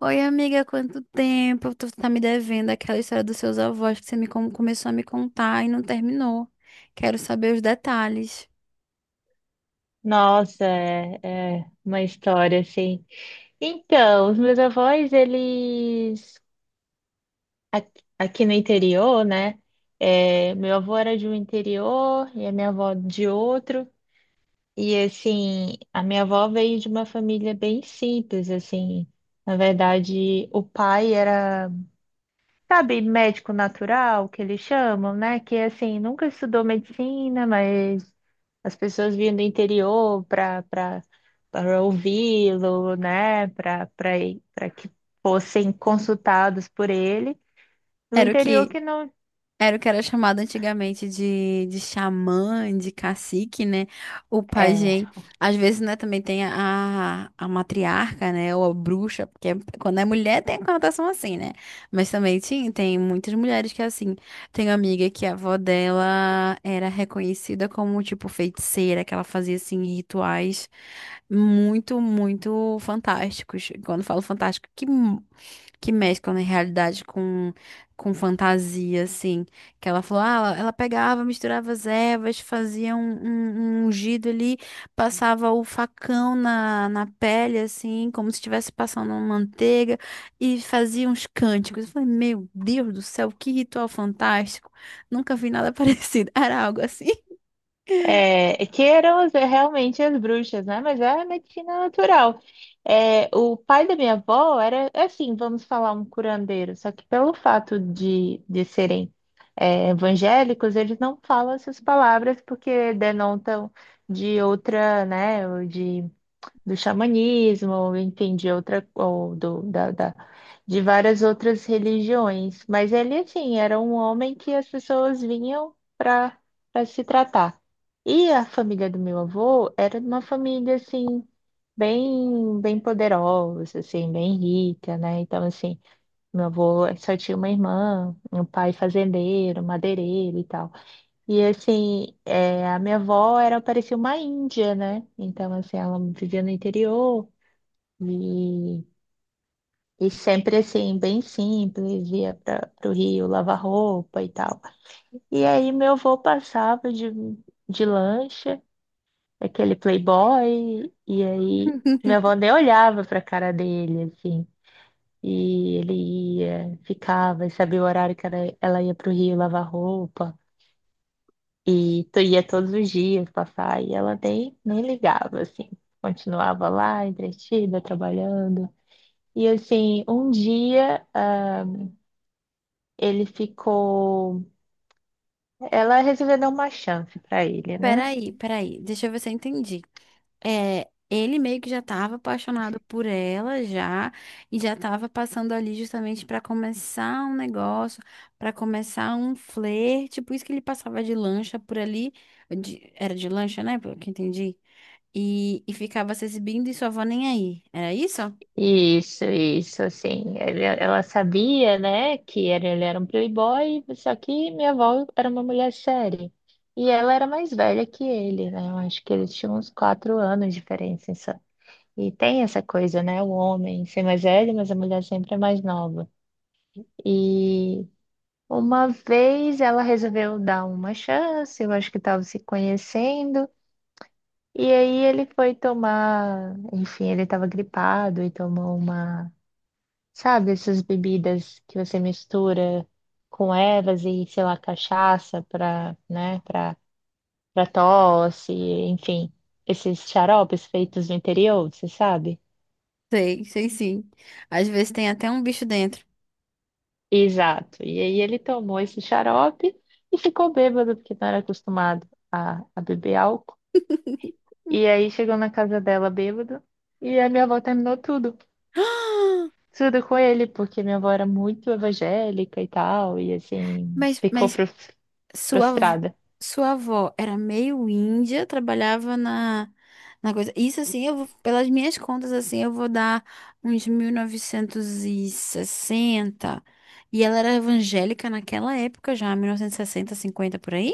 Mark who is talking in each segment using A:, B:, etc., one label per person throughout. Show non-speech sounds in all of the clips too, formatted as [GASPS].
A: Oi, amiga, quanto tempo? Tu tá me devendo aquela história dos seus avós que você começou a me contar e não terminou. Quero saber os detalhes.
B: Nossa, é uma história assim. Então, os meus avós, eles aqui no interior, né? É, meu avô era de um interior e a minha avó de outro. E assim, a minha avó veio de uma família bem simples, assim. Na verdade, o pai era, sabe, médico natural, que eles chamam, né? Que assim, nunca estudou medicina, mas as pessoas vinham do interior para ouvi-lo, né? Para que fossem consultados por ele. No
A: Era o
B: interior
A: quê?
B: que não
A: Era o que era chamado antigamente de xamã, de cacique, né? O
B: é.
A: pajem. Às vezes, né, também tem a matriarca, né? Ou a bruxa, porque quando é mulher tem a conotação assim, né? Mas também tinha, tem muitas mulheres que é assim. Tem uma amiga que a avó dela era reconhecida como, tipo, feiticeira, que ela fazia, assim, rituais muito, muito fantásticos. Quando falo fantástico, que mesclam, na realidade, com fantasia, assim. Que ela falou, ah, ela pegava, misturava as ervas, fazia um ungido ali, passava o facão na pele, assim, como se estivesse passando uma manteiga, e fazia uns cânticos. Eu falei, meu Deus do céu, que ritual fantástico. Nunca vi nada [LAUGHS] parecido. Era algo assim.
B: É, que eram realmente as bruxas, né? Mas é a medicina natural. É, o pai da minha avó era, assim, vamos falar, um curandeiro, só que pelo fato de serem, é, evangélicos, eles não falam essas palavras porque denotam de outra, né, ou de do xamanismo, ou entendi outra, ou de várias outras religiões. Mas ele, assim, era um homem que as pessoas vinham para se tratar. E a família do meu avô era uma família, assim, bem, bem poderosa, assim, bem rica, né? Então, assim, meu avô só tinha uma irmã, um pai fazendeiro, madeireiro e tal. E assim, é, a minha avó era, parecia uma índia, né? Então, assim, ela vivia no interior e, e sempre assim, bem simples, ia para o rio lavar roupa e tal. E aí meu avô passava de lancha, aquele playboy, e aí minha
A: [LAUGHS]
B: avó nem olhava para cara dele, assim. E ele ia, ficava, e sabia o horário que ela ia para o rio lavar roupa. E tu ia todos os dias passar e ela nem ligava, assim. Continuava lá, entretida, trabalhando. E assim, um dia, ah, ele ficou. Ela resolveu dar uma chance para ele, né?
A: Peraí, peraí, deixa eu ver se eu entendi. É, ele meio que já estava apaixonado por ela já e já estava passando ali justamente para começar um negócio, para começar um flerte, por isso que ele passava de lancha por ali, era de lancha, né, pelo que eu entendi, e ficava se exibindo e sua avó nem aí. Era isso?
B: Isso, assim. Ela sabia, né, que era, ele era um playboy, só que minha avó era uma mulher séria. E ela era mais velha que ele, né? Eu acho que eles tinham uns quatro anos de diferença. E tem essa coisa, né? O homem ser mais velho, mas a mulher sempre é mais nova. E uma vez ela resolveu dar uma chance, eu acho que estava se conhecendo. E aí ele foi tomar, enfim, ele estava gripado e tomou uma, sabe, essas bebidas que você mistura com ervas e, sei lá, cachaça para, né, para tosse, enfim, esses xaropes feitos no interior, você sabe?
A: Sei, sei sim. Às vezes tem até um bicho dentro.
B: Exato. E aí ele tomou esse xarope e ficou bêbado, porque não era acostumado a beber álcool. E aí chegou na casa dela bêbado e a minha avó terminou tudo.
A: [GASPS]
B: Tudo com ele, porque minha avó era muito evangélica e tal, e assim,
A: Mas,
B: ficou
A: mas Sua, avó-
B: frustrada.
A: sua avó era meio índia, trabalhava na coisa. Isso assim, eu vou, pelas minhas contas, assim, eu vou dar uns 1960 e ela era evangélica naquela época já, 1960, 1950 por aí?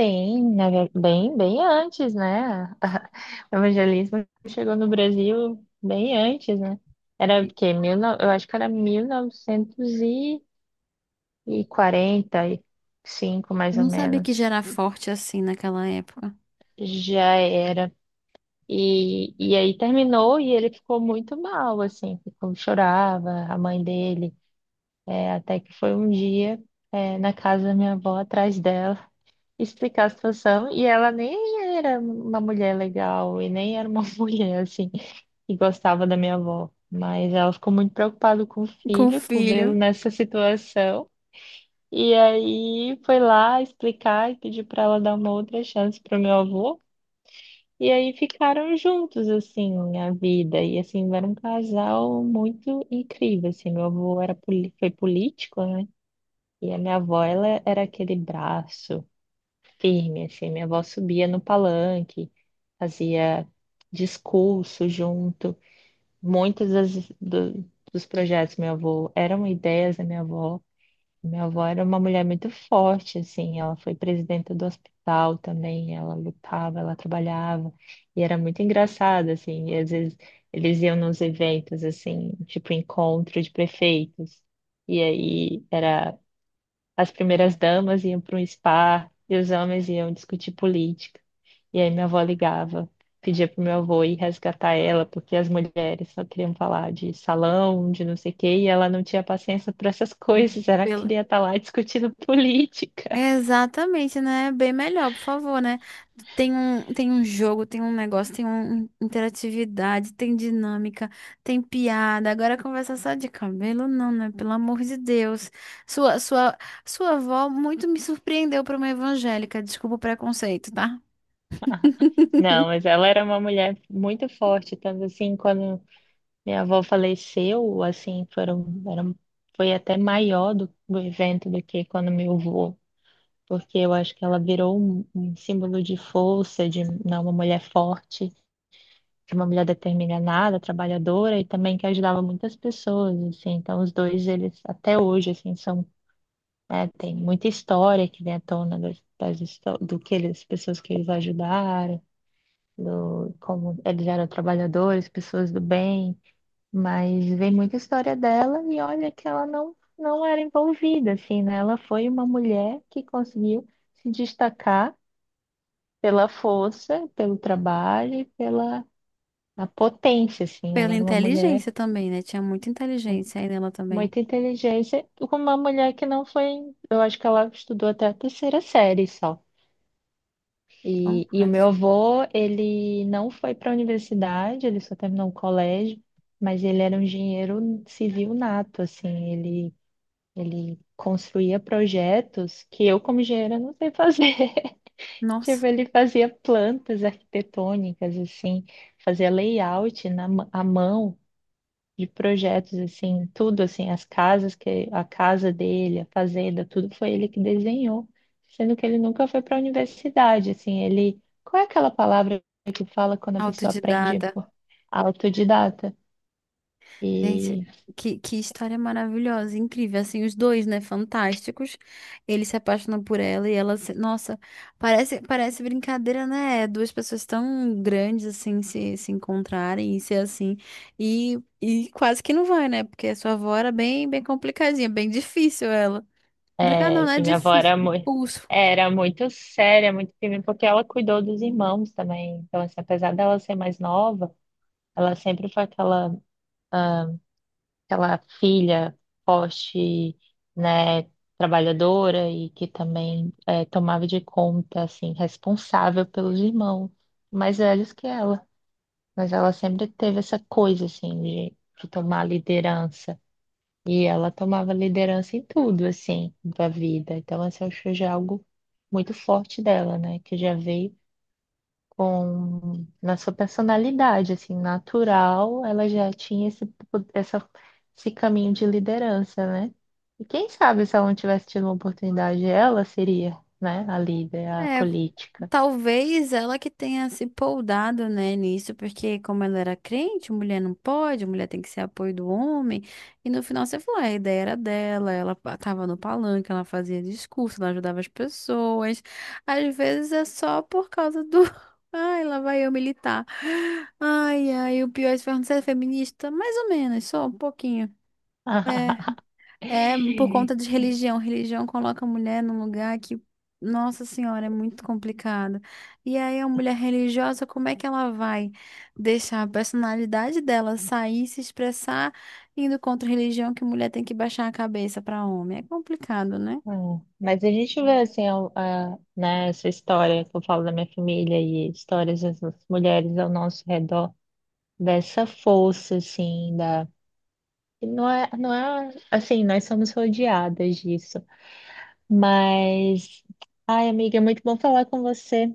B: Sim, bem, bem antes, né? [LAUGHS] O evangelismo chegou no Brasil bem antes, né? Era porque mil, eu acho que era 1900 e quarenta e cinco mais ou
A: Não sabia que já
B: menos,
A: era forte assim naquela época.
B: já era. E aí terminou e ele ficou muito mal, assim, ficou, chorava, a mãe dele, é, até que foi um dia, é, na casa da minha avó, atrás dela, explicar a situação, e ela nem era uma mulher legal, e nem era uma [LAUGHS] mulher, assim, que gostava da minha avó, mas ela ficou muito preocupada com o
A: Com o
B: filho, por vê-lo
A: filho.
B: nessa situação. E aí foi lá explicar e pedir para ela dar uma outra chance pro meu avô. E aí ficaram juntos, assim, a vida. E assim, era um casal muito incrível, assim. Meu avô era, foi político, né? E a minha avó, ela era aquele braço firme, assim. Minha avó subia no palanque, fazia discurso junto. Muitas dos projetos do meu avô eram ideias da minha avó. Minha avó era uma mulher muito forte, assim, ela foi presidenta do hospital também, ela lutava, ela trabalhava, e era muito engraçada, assim, e às vezes eles iam nos eventos, assim, tipo encontro de prefeitos, e aí era, as primeiras damas iam para um spa, e os homens iam discutir política, e aí minha avó ligava, pedia pro meu avô ir resgatar ela, porque as mulheres só queriam falar de salão, de não sei o quê, e ela não tinha paciência para essas [LAUGHS] coisas, ela
A: Pelo,
B: queria estar lá discutindo [LAUGHS] política.
A: é, exatamente, né? Bem melhor, por favor, né? Tem um jogo, tem um negócio, tem um, interatividade, tem dinâmica, tem piada. Agora conversa é só de cabelo, não, né? Pelo amor de Deus. Sua, sua, sua avó muito me surpreendeu para uma evangélica. Desculpa o preconceito, tá?
B: Não, mas
A: [LAUGHS]
B: ela era uma mulher muito forte, tanto assim, quando minha avó faleceu, assim, foram, eram, foi até maior do evento do que quando meu avô, porque eu acho que ela virou um símbolo de força, de não, uma mulher forte, de uma mulher determinada, trabalhadora e também que ajudava muitas pessoas, assim. Então, os dois, eles até hoje, assim, são, né, tem muita história que vem à tona das, das, histó- do que eles, pessoas que eles ajudaram, do, como eles eram trabalhadores, pessoas do bem, mas vem muita história dela e olha que ela não era envolvida, assim, né? Ela foi uma mulher que conseguiu se destacar pela força, pelo trabalho e pela a potência, assim.
A: Pela
B: Ela era uma mulher.
A: inteligência também, né? Tinha muita inteligência aí nela também.
B: Muita inteligência. Com uma mulher que não foi. Eu acho que ela estudou até a terceira série só.
A: Então,
B: E o
A: ai,
B: meu avô, ele não foi para a universidade, ele só terminou o colégio, mas ele era um engenheiro civil nato, assim. Ele construía projetos que eu, como engenheira, não sei fazer. [LAUGHS]
A: nossa,
B: Tipo, ele fazia plantas arquitetônicas, assim, fazia layout à mão de projetos assim, tudo assim, as casas, que a casa dele, a fazenda, tudo foi ele que desenhou, sendo que ele nunca foi para a universidade, assim, ele, qual é aquela palavra que fala quando a pessoa aprende
A: autodidata.
B: por? Autodidata?
A: Gente,
B: E,
A: que história maravilhosa, incrível. Assim, os dois, né? Fantásticos. Ele se apaixona por ela e ela se... Nossa, parece, parece brincadeira, né? É duas pessoas tão grandes, assim, se encontrarem e ser assim. E quase que não vai, né? Porque a sua avó era bem, bem complicadinha, bem difícil ela. Complicada não,
B: é,
A: né?
B: e minha avó
A: Difícil,
B: era
A: de
B: muito.
A: pulso.
B: Era muito séria, muito firme, porque ela cuidou dos irmãos também. Então, assim, apesar dela ser mais nova, ela sempre foi aquela filha forte, né, trabalhadora e que também é, tomava de conta, assim, responsável pelos irmãos mais velhos que ela. Mas ela sempre teve essa coisa, assim, de tomar liderança. E ela tomava liderança em tudo, assim, da vida. Então, assim, eu acho já algo muito forte dela, né, que já veio com na sua personalidade, assim, natural, ela já tinha esse caminho de liderança, né? E quem sabe se ela não tivesse tido uma oportunidade, ela seria, né, a líder, a
A: É,
B: política.
A: talvez ela que tenha se poldado, né, nisso, porque como ela era crente, mulher não pode, mulher tem que ser apoio do homem. E no final você falou, "Ah, a ideia era dela, ela tava no palanque, ela fazia discurso, ela ajudava as pessoas. Às vezes é só por causa do. [LAUGHS] Ai, lá vai eu militar. Ai, ai, o pior é se perguntar, você é feminista? Mais ou menos, só um pouquinho. É.
B: [LAUGHS]
A: É por conta de religião. Religião coloca a mulher num lugar que, nossa senhora, é muito complicado. E aí, a mulher religiosa, como é que ela vai deixar a personalidade dela sair, se expressar, indo contra a religião que mulher tem que baixar a cabeça para homem? É complicado, né?
B: Mas a gente vê assim, a, né, essa história que eu falo da minha família e histórias das mulheres ao nosso redor, dessa força, assim, da. E não é assim, nós somos rodeadas disso. Mas, ai, amiga, é muito bom falar com você.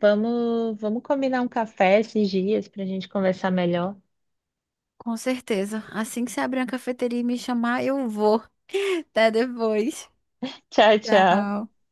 B: Vamos combinar um café esses dias para a gente conversar melhor.
A: Com certeza. Assim que você abrir uma cafeteria e me chamar, eu vou. [LAUGHS] Até depois.
B: [LAUGHS] Tchau, tchau.
A: Tchau.